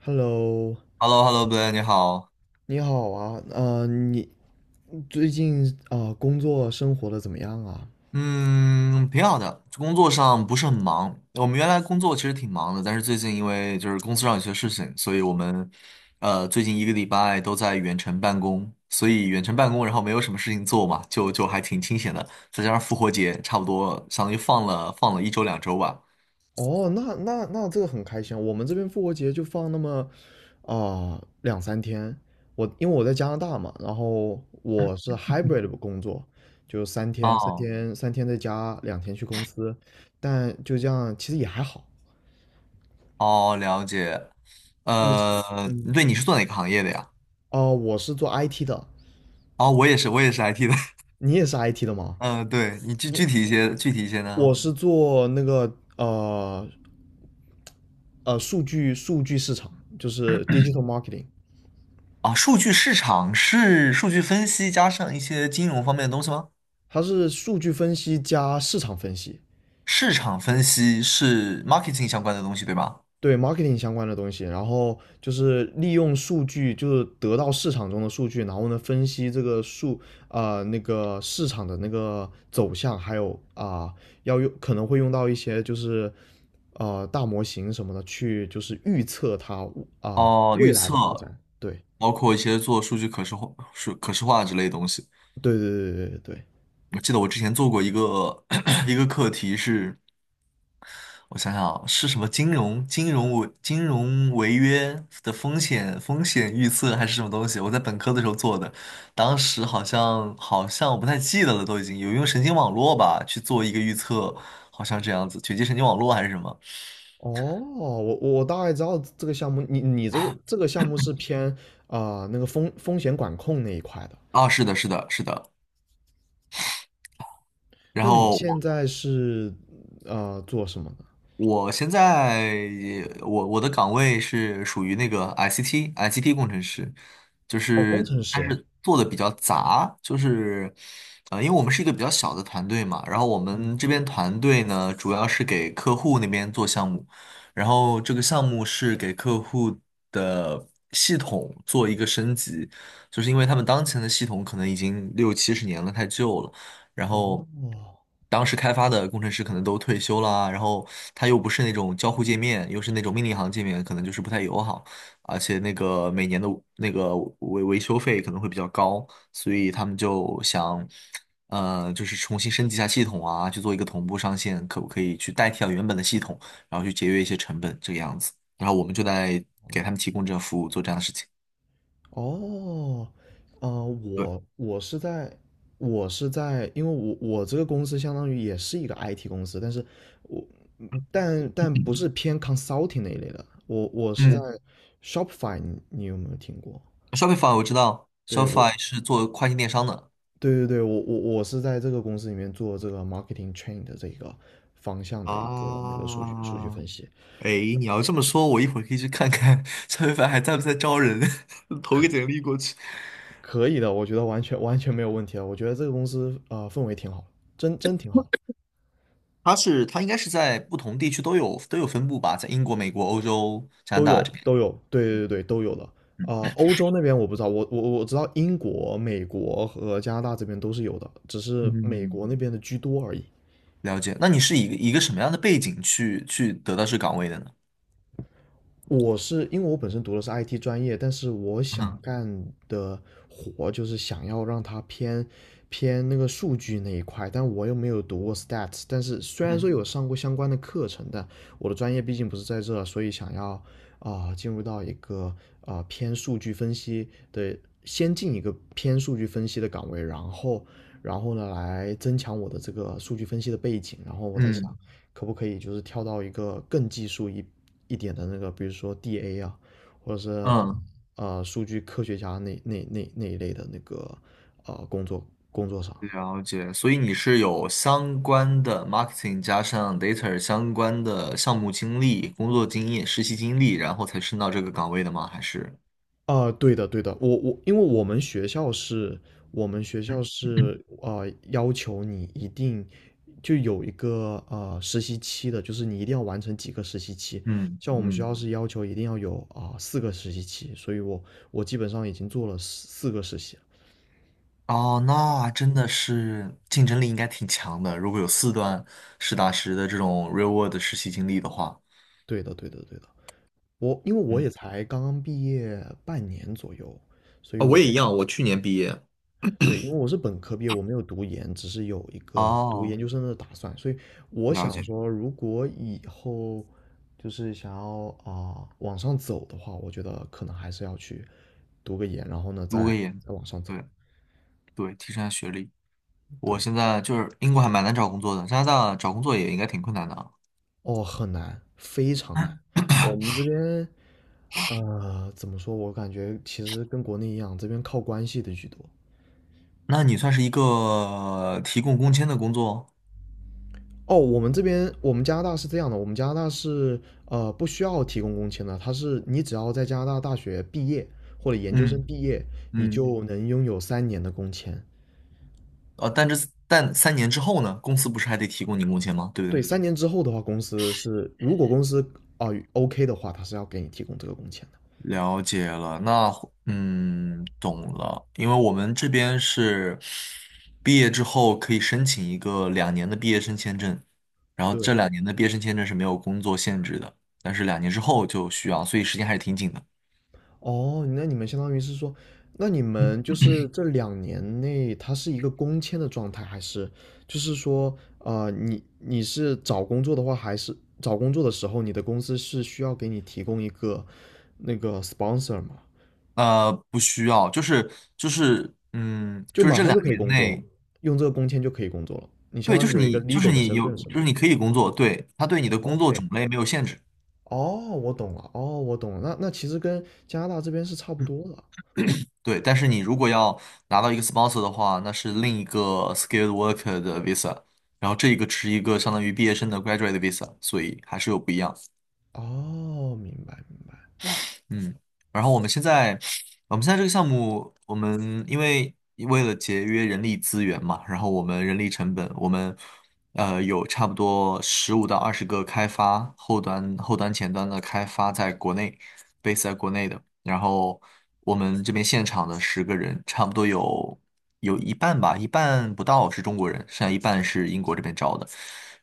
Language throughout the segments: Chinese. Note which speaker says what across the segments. Speaker 1: Hello，
Speaker 2: h e l l o h e l l o 呗你好。
Speaker 1: 你好啊，你最近工作生活的怎么样啊？
Speaker 2: 嗯，挺好的，工作上不是很忙。我们原来工作其实挺忙的，但是最近因为就是公司上有些事情，所以我们最近一个礼拜都在远程办公，所以远程办公，然后没有什么事情做嘛，就还挺清闲的。再加上复活节，差不多相当于放了一周两周吧。
Speaker 1: 哦，那这个很开心啊，我们这边复活节就放那么两三天。因为我在加拿大嘛，然后我是 hybrid 的工作，就三天三
Speaker 2: 哦
Speaker 1: 天三天在家，两天去公司，但就这样其实也还好。
Speaker 2: 哦，了解。
Speaker 1: 你是
Speaker 2: 呃，
Speaker 1: 嗯
Speaker 2: 对，你是做哪个行业的呀？
Speaker 1: 哦、我是做 IT 的。
Speaker 2: 哦，我也是，我也是 IT 的。
Speaker 1: 你也是 IT 的吗？
Speaker 2: 嗯、对，你具体一些
Speaker 1: 我
Speaker 2: 呢？
Speaker 1: 是做那个数据市场，就是 digital marketing。
Speaker 2: 啊，数据市场是数据分析加上一些金融方面的东西吗？
Speaker 1: 它是数据分析加市场分析，
Speaker 2: 市场分析是 marketing 相关的东西，对吧？
Speaker 1: 对 marketing 相关的东西，然后就是利用数据，就是得到市场中的数据，然后呢分析这个数啊、呃那个市场的那个走向，还有可能会用到一些就是大模型什么的去就是预测它
Speaker 2: 哦，
Speaker 1: 未
Speaker 2: 预
Speaker 1: 来
Speaker 2: 测，
Speaker 1: 的发展。
Speaker 2: 包括一些做数据可视化、数可视化之类的东西。
Speaker 1: 对对对对对对对。
Speaker 2: 我记得我之前做过一个 一个课题是，我想想啊，是什么金融违约的风险预测还是什么东西？我在本科的时候做的，当时好像我不太记得了，都已经有用神经网络吧去做一个预测，好像这样子，卷积神经网络还是什么？
Speaker 1: 哦，我大概知道这个项目，你这个项目是偏那个风险管控那一块的。
Speaker 2: 啊，是的，是的，是的。然
Speaker 1: 那你
Speaker 2: 后
Speaker 1: 现在是做什么的？
Speaker 2: 我现在我的岗位是属于那个 ICT 工程师，就
Speaker 1: 哦，工
Speaker 2: 是
Speaker 1: 程
Speaker 2: 但
Speaker 1: 师。
Speaker 2: 是做的比较杂，就是呃，因为我们是一个比较小的团队嘛，然后我
Speaker 1: 嗯，
Speaker 2: 们这边团队呢主要是给客户那边做项目，然后这个项目是给客户的系统做一个升级，就是因为他们当前的系统可能已经六七十年了，太旧了。然后
Speaker 1: 哦
Speaker 2: 当时开发的工程师可能都退休啦，然后他又不是那种交互界面，又是那种命令行界面，可能就是不太友好，而且那个每年的那个维修费可能会比较高，所以他们就想，呃，就是重新升级一下系统啊，去做一个同步上线，可不可以去代替掉原本的系统，然后去节约一些成本这个样子，然后我们就在给他们提供这个服务，做这样的事情。
Speaker 1: 哦，
Speaker 2: 对。
Speaker 1: 我我是在我是在，因为我我这个公司相当于也是一个 IT 公司，但是我但不是偏 consulting 那一类的，我是在
Speaker 2: 嗯
Speaker 1: Shopify，你有没有听过？
Speaker 2: ，Shopify 我知道
Speaker 1: 对我
Speaker 2: ，Shopify 是做跨境电商的。
Speaker 1: 对对对，我是在这个公司里面做这个 marketing train 的这个方向的一个那个数据
Speaker 2: 啊，
Speaker 1: 分析。
Speaker 2: 哎，你要这么说，我一会儿可以去看看蔡徐 凡还在不在招人，投个简历过去。
Speaker 1: 可以的，我觉得完全完全没有问题了。我觉得这个公司氛围挺好，真挺好。
Speaker 2: 他应该是在不同地区都有分布吧，在英国、美国、欧洲、加拿
Speaker 1: 都
Speaker 2: 大
Speaker 1: 有
Speaker 2: 这边。
Speaker 1: 都有，对对对都有的。欧洲那边我不知道，我知道英国、美国和加拿大这边都是有的，只是美
Speaker 2: 嗯，
Speaker 1: 国那边的居多而已。
Speaker 2: 了解。那你是以一个什么样的背景去得到这岗位的呢？
Speaker 1: 我是因为我本身读的是 IT 专业，但是我想
Speaker 2: 嗯
Speaker 1: 干的活就是想要让它偏那个数据那一块，但我又没有读过 stats，但是虽然说
Speaker 2: 嗯
Speaker 1: 有上过相关的课程，但我的专业毕竟不是在这，所以想要进入到一个偏数据分析的，先进一个偏数据分析的岗位，然后呢来增强我的这个数据分析的背景，然后我在想
Speaker 2: 嗯
Speaker 1: 可不可以就是跳到一个更技术一点的那个，比如说 DA 啊，或者是
Speaker 2: 嗯，
Speaker 1: 数据科学家那一类的那个啊工作工作上。
Speaker 2: 了解。所以你是有相关的 marketing 加上 data 相关的项目经历、工作经验、实习经历，然后才升到这个岗位的吗？还是？
Speaker 1: 对的，对的。我因为我们学校是要求你一定就有一个实习期的，就是你一定要完成几个实习期。
Speaker 2: 嗯
Speaker 1: 像我们学
Speaker 2: 嗯，
Speaker 1: 校是要求一定要有4个实习期，所以我基本上已经做了四个实习了。
Speaker 2: 哦，那真的是竞争力应该挺强的。如果有4段实打实的这种 real world 的实习经历的话，
Speaker 1: 对的，对的，对的。我因为我
Speaker 2: 嗯，
Speaker 1: 也才刚刚毕业半年左右，所以
Speaker 2: 啊，我也一样，我去年毕业。
Speaker 1: 对，因为我是本科毕业，我没有读研，只是有一个读研
Speaker 2: 哦，
Speaker 1: 究生的打算，所以我
Speaker 2: 了
Speaker 1: 想
Speaker 2: 解，
Speaker 1: 说，如果以后就是想要往上走的话，我觉得可能还是要去读个研，然后呢
Speaker 2: 读个
Speaker 1: 再
Speaker 2: 研，
Speaker 1: 再往上走。
Speaker 2: 对对，提升下学历。我
Speaker 1: 对，
Speaker 2: 现在就是英国还蛮难找工作的，加拿大找工作也应该挺困难的啊。
Speaker 1: 哦，很难，非常难。我们这边，怎么说？我感觉其实跟国内一样，这边靠关系的居多。
Speaker 2: 那你算是一个提供工签的工作，
Speaker 1: 哦，我们加拿大是这样的，我们加拿大是不需要提供工签的，它是你只要在加拿大大学毕业或者研究生
Speaker 2: 嗯
Speaker 1: 毕业，你
Speaker 2: 嗯，
Speaker 1: 就能拥有三年的工签。
Speaker 2: 呃，但3年之后呢，公司不是还得提供你工签吗？对不对？
Speaker 1: 对，三年之后的话，公司是如果公司OK 的话，它是要给你提供这个工签的。
Speaker 2: 了解了，那嗯，懂了。因为我们这边是毕业之后可以申请一个两年的毕业生签证，然后这
Speaker 1: 对，
Speaker 2: 两年的毕业生签证是没有工作限制的，但是2年之后就需要，所以时间还是挺紧的。
Speaker 1: 哦，那你们相当于是说，那你们就是这2年内，它是一个公签的状态，还是就是说，你是找工作的话，还是找工作的时候，你的公司是需要给你提供一个那个 sponsor 吗？
Speaker 2: 呃，不需要，就是嗯，
Speaker 1: 就
Speaker 2: 就是
Speaker 1: 马
Speaker 2: 这
Speaker 1: 上
Speaker 2: 两
Speaker 1: 就可以
Speaker 2: 年
Speaker 1: 工作了，
Speaker 2: 内，
Speaker 1: 用这个工签就可以工作了，你相
Speaker 2: 对，就
Speaker 1: 当于
Speaker 2: 是
Speaker 1: 有一个
Speaker 2: 你就是
Speaker 1: legal 的
Speaker 2: 你
Speaker 1: 身
Speaker 2: 有
Speaker 1: 份是吗
Speaker 2: 就是你可以工作，对，他对你的工作种
Speaker 1: ？OK，
Speaker 2: 类没有限制。
Speaker 1: 哦，我懂了，哦，我懂了，那其实跟加拿大这边是差不多的，
Speaker 2: 对，但是你如果要拿到一个 sponsor 的话，那是另一个 skilled worker 的 visa，然后这一个是一个相当于毕业生的 graduate visa，所以还是有不一样。
Speaker 1: 哦，明白明白。
Speaker 2: 嗯，然后我们现在这个项目，我们因为为了节约人力资源嘛，然后我们人力成本，我们呃，有差不多15到20个开发后端、前端的开发在国内，base 在国内的。然后我们这边现场的10个人，差不多有一半吧，一半不到是中国人，剩下一半是英国这边招的。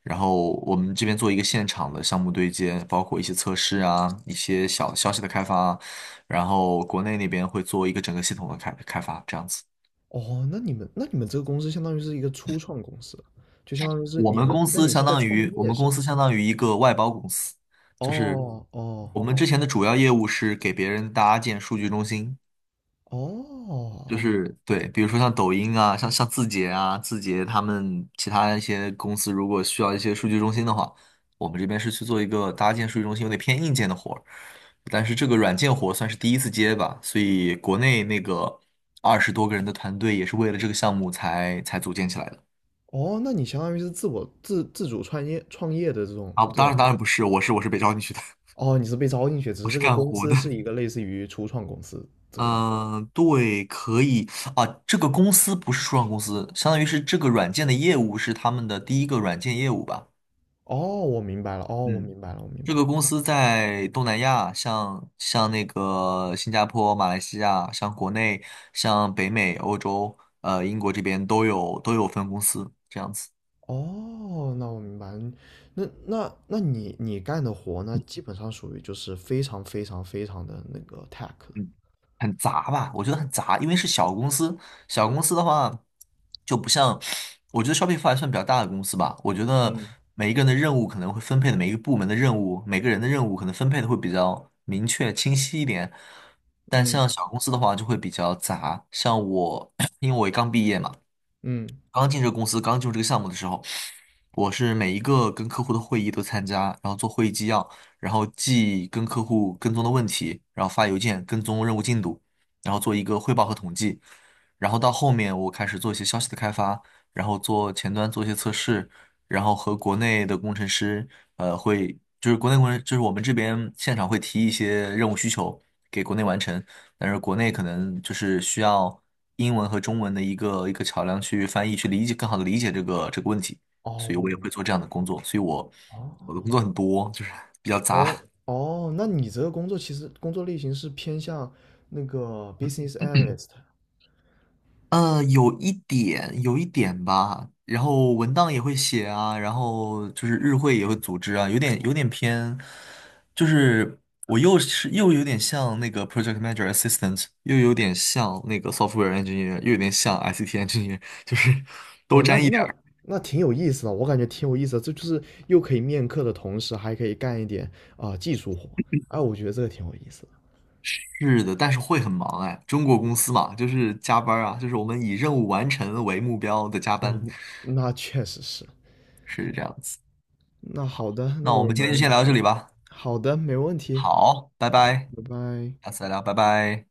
Speaker 2: 然后我们这边做一个现场的项目对接，包括一些测试啊，一些小消息的开发啊然后国内那边会做一个整个系统的开发，这样子。
Speaker 1: 哦，那你们这个公司相当于是一个初创公司，就相当于是你们，那你是在创
Speaker 2: 我
Speaker 1: 业
Speaker 2: 们
Speaker 1: 是
Speaker 2: 公
Speaker 1: 吧？
Speaker 2: 司相当于一个外包公司，就是
Speaker 1: 哦哦
Speaker 2: 我们之前的主要业务是给别人搭建数据中心，就
Speaker 1: 哦
Speaker 2: 是对，比如说像抖音啊，像字节啊，字节他们其他一些公司如果需要一些数据中心的话，我们这边是去做一个搭建数据中心，有点偏硬件的活儿，但是这个软件活算是第一次接吧，所以国内那个20多个人的团队也是为了这个项目才组建起来的。
Speaker 1: 哦，那你相当于是自我自自主创业的这种
Speaker 2: 啊，
Speaker 1: 这
Speaker 2: 当然
Speaker 1: 种，
Speaker 2: 当然不是，我是被招进去的。
Speaker 1: 哦，你是被招进去，只
Speaker 2: 我
Speaker 1: 是
Speaker 2: 是
Speaker 1: 这个
Speaker 2: 干
Speaker 1: 公
Speaker 2: 活
Speaker 1: 司
Speaker 2: 的。
Speaker 1: 是 一个类似于初创公司这个样子。
Speaker 2: 嗯，对，可以啊。这个公司不是初创公司，相当于是这个软件的业务是他们的第一个软件业务吧？
Speaker 1: 哦，我明白了，哦，我
Speaker 2: 嗯，
Speaker 1: 明白了，我明
Speaker 2: 这
Speaker 1: 白
Speaker 2: 个
Speaker 1: 了。
Speaker 2: 公司在东南亚，像那个新加坡、马来西亚，像国内、像北美、欧洲，呃，英国这边都有分公司，这样子。
Speaker 1: 哦，那我明白了那你干的活那基本上属于就是非常非常非常的那个 tech 了。
Speaker 2: 嗯，很杂吧，我觉得很杂，因为是小公司，小公司的话就不像，我觉得 Shopify 还算比较大的公司吧，我觉得
Speaker 1: 嗯
Speaker 2: 每一个人的任务可能会分配的每一个部门的任务，每个人的任务可能分配的会比较明确清晰一点，但
Speaker 1: 嗯，
Speaker 2: 像小公司的话就会比较杂，像我，因为我也刚毕业嘛。
Speaker 1: 嗯，
Speaker 2: 刚进这个公司，刚进入这个项目的时候，我是每一个跟客户的会议都参加，然后做会议纪要，然后记跟客户跟踪的问题，然后发邮件跟踪任务进度，然后做一个汇报和统计。然后到后面我开始做一些消息的开发，然后做前端做一些测试，然后和国内的工程师，呃，会就是国内工程就是我们这边现场会提一些任务需求给国内完成，但是国内可能就是需要英文和中文的一个桥梁去翻译，去理解更好的理解这个问题，
Speaker 1: 哦，
Speaker 2: 所以我也会做这样的工作，所以我的工
Speaker 1: 哦，
Speaker 2: 作很多，就是 比较
Speaker 1: 哦，
Speaker 2: 杂，
Speaker 1: 哦，那你这个工作其实工作类型是偏向那个 business analyst。
Speaker 2: 呃，有一点吧，然后文档也会写啊，然后就是日会也会组织啊，有点偏，就是我又是又有点像那个 project manager assistant，又有点像那个 software engineer，又有点像 ICT engineer，就是
Speaker 1: 哦，
Speaker 2: 都
Speaker 1: 那
Speaker 2: 沾一点。
Speaker 1: 那那挺有意思的，我感觉挺有意思的，这就是又可以面客的同时，还可以干一点技术活，哎，我觉得这个挺有意思的。
Speaker 2: 是的，但是会很忙哎。中国公司嘛，就是加班儿啊，就是我们以任务完成为目标的加
Speaker 1: 哦，
Speaker 2: 班，
Speaker 1: 那确实是。
Speaker 2: 是这样子。
Speaker 1: 那好的，那
Speaker 2: 那我
Speaker 1: 我
Speaker 2: 们今天就先
Speaker 1: 们
Speaker 2: 聊到这里吧。
Speaker 1: 好的，没问题，
Speaker 2: 好，拜拜，
Speaker 1: 拜拜。
Speaker 2: 下次再聊，拜拜。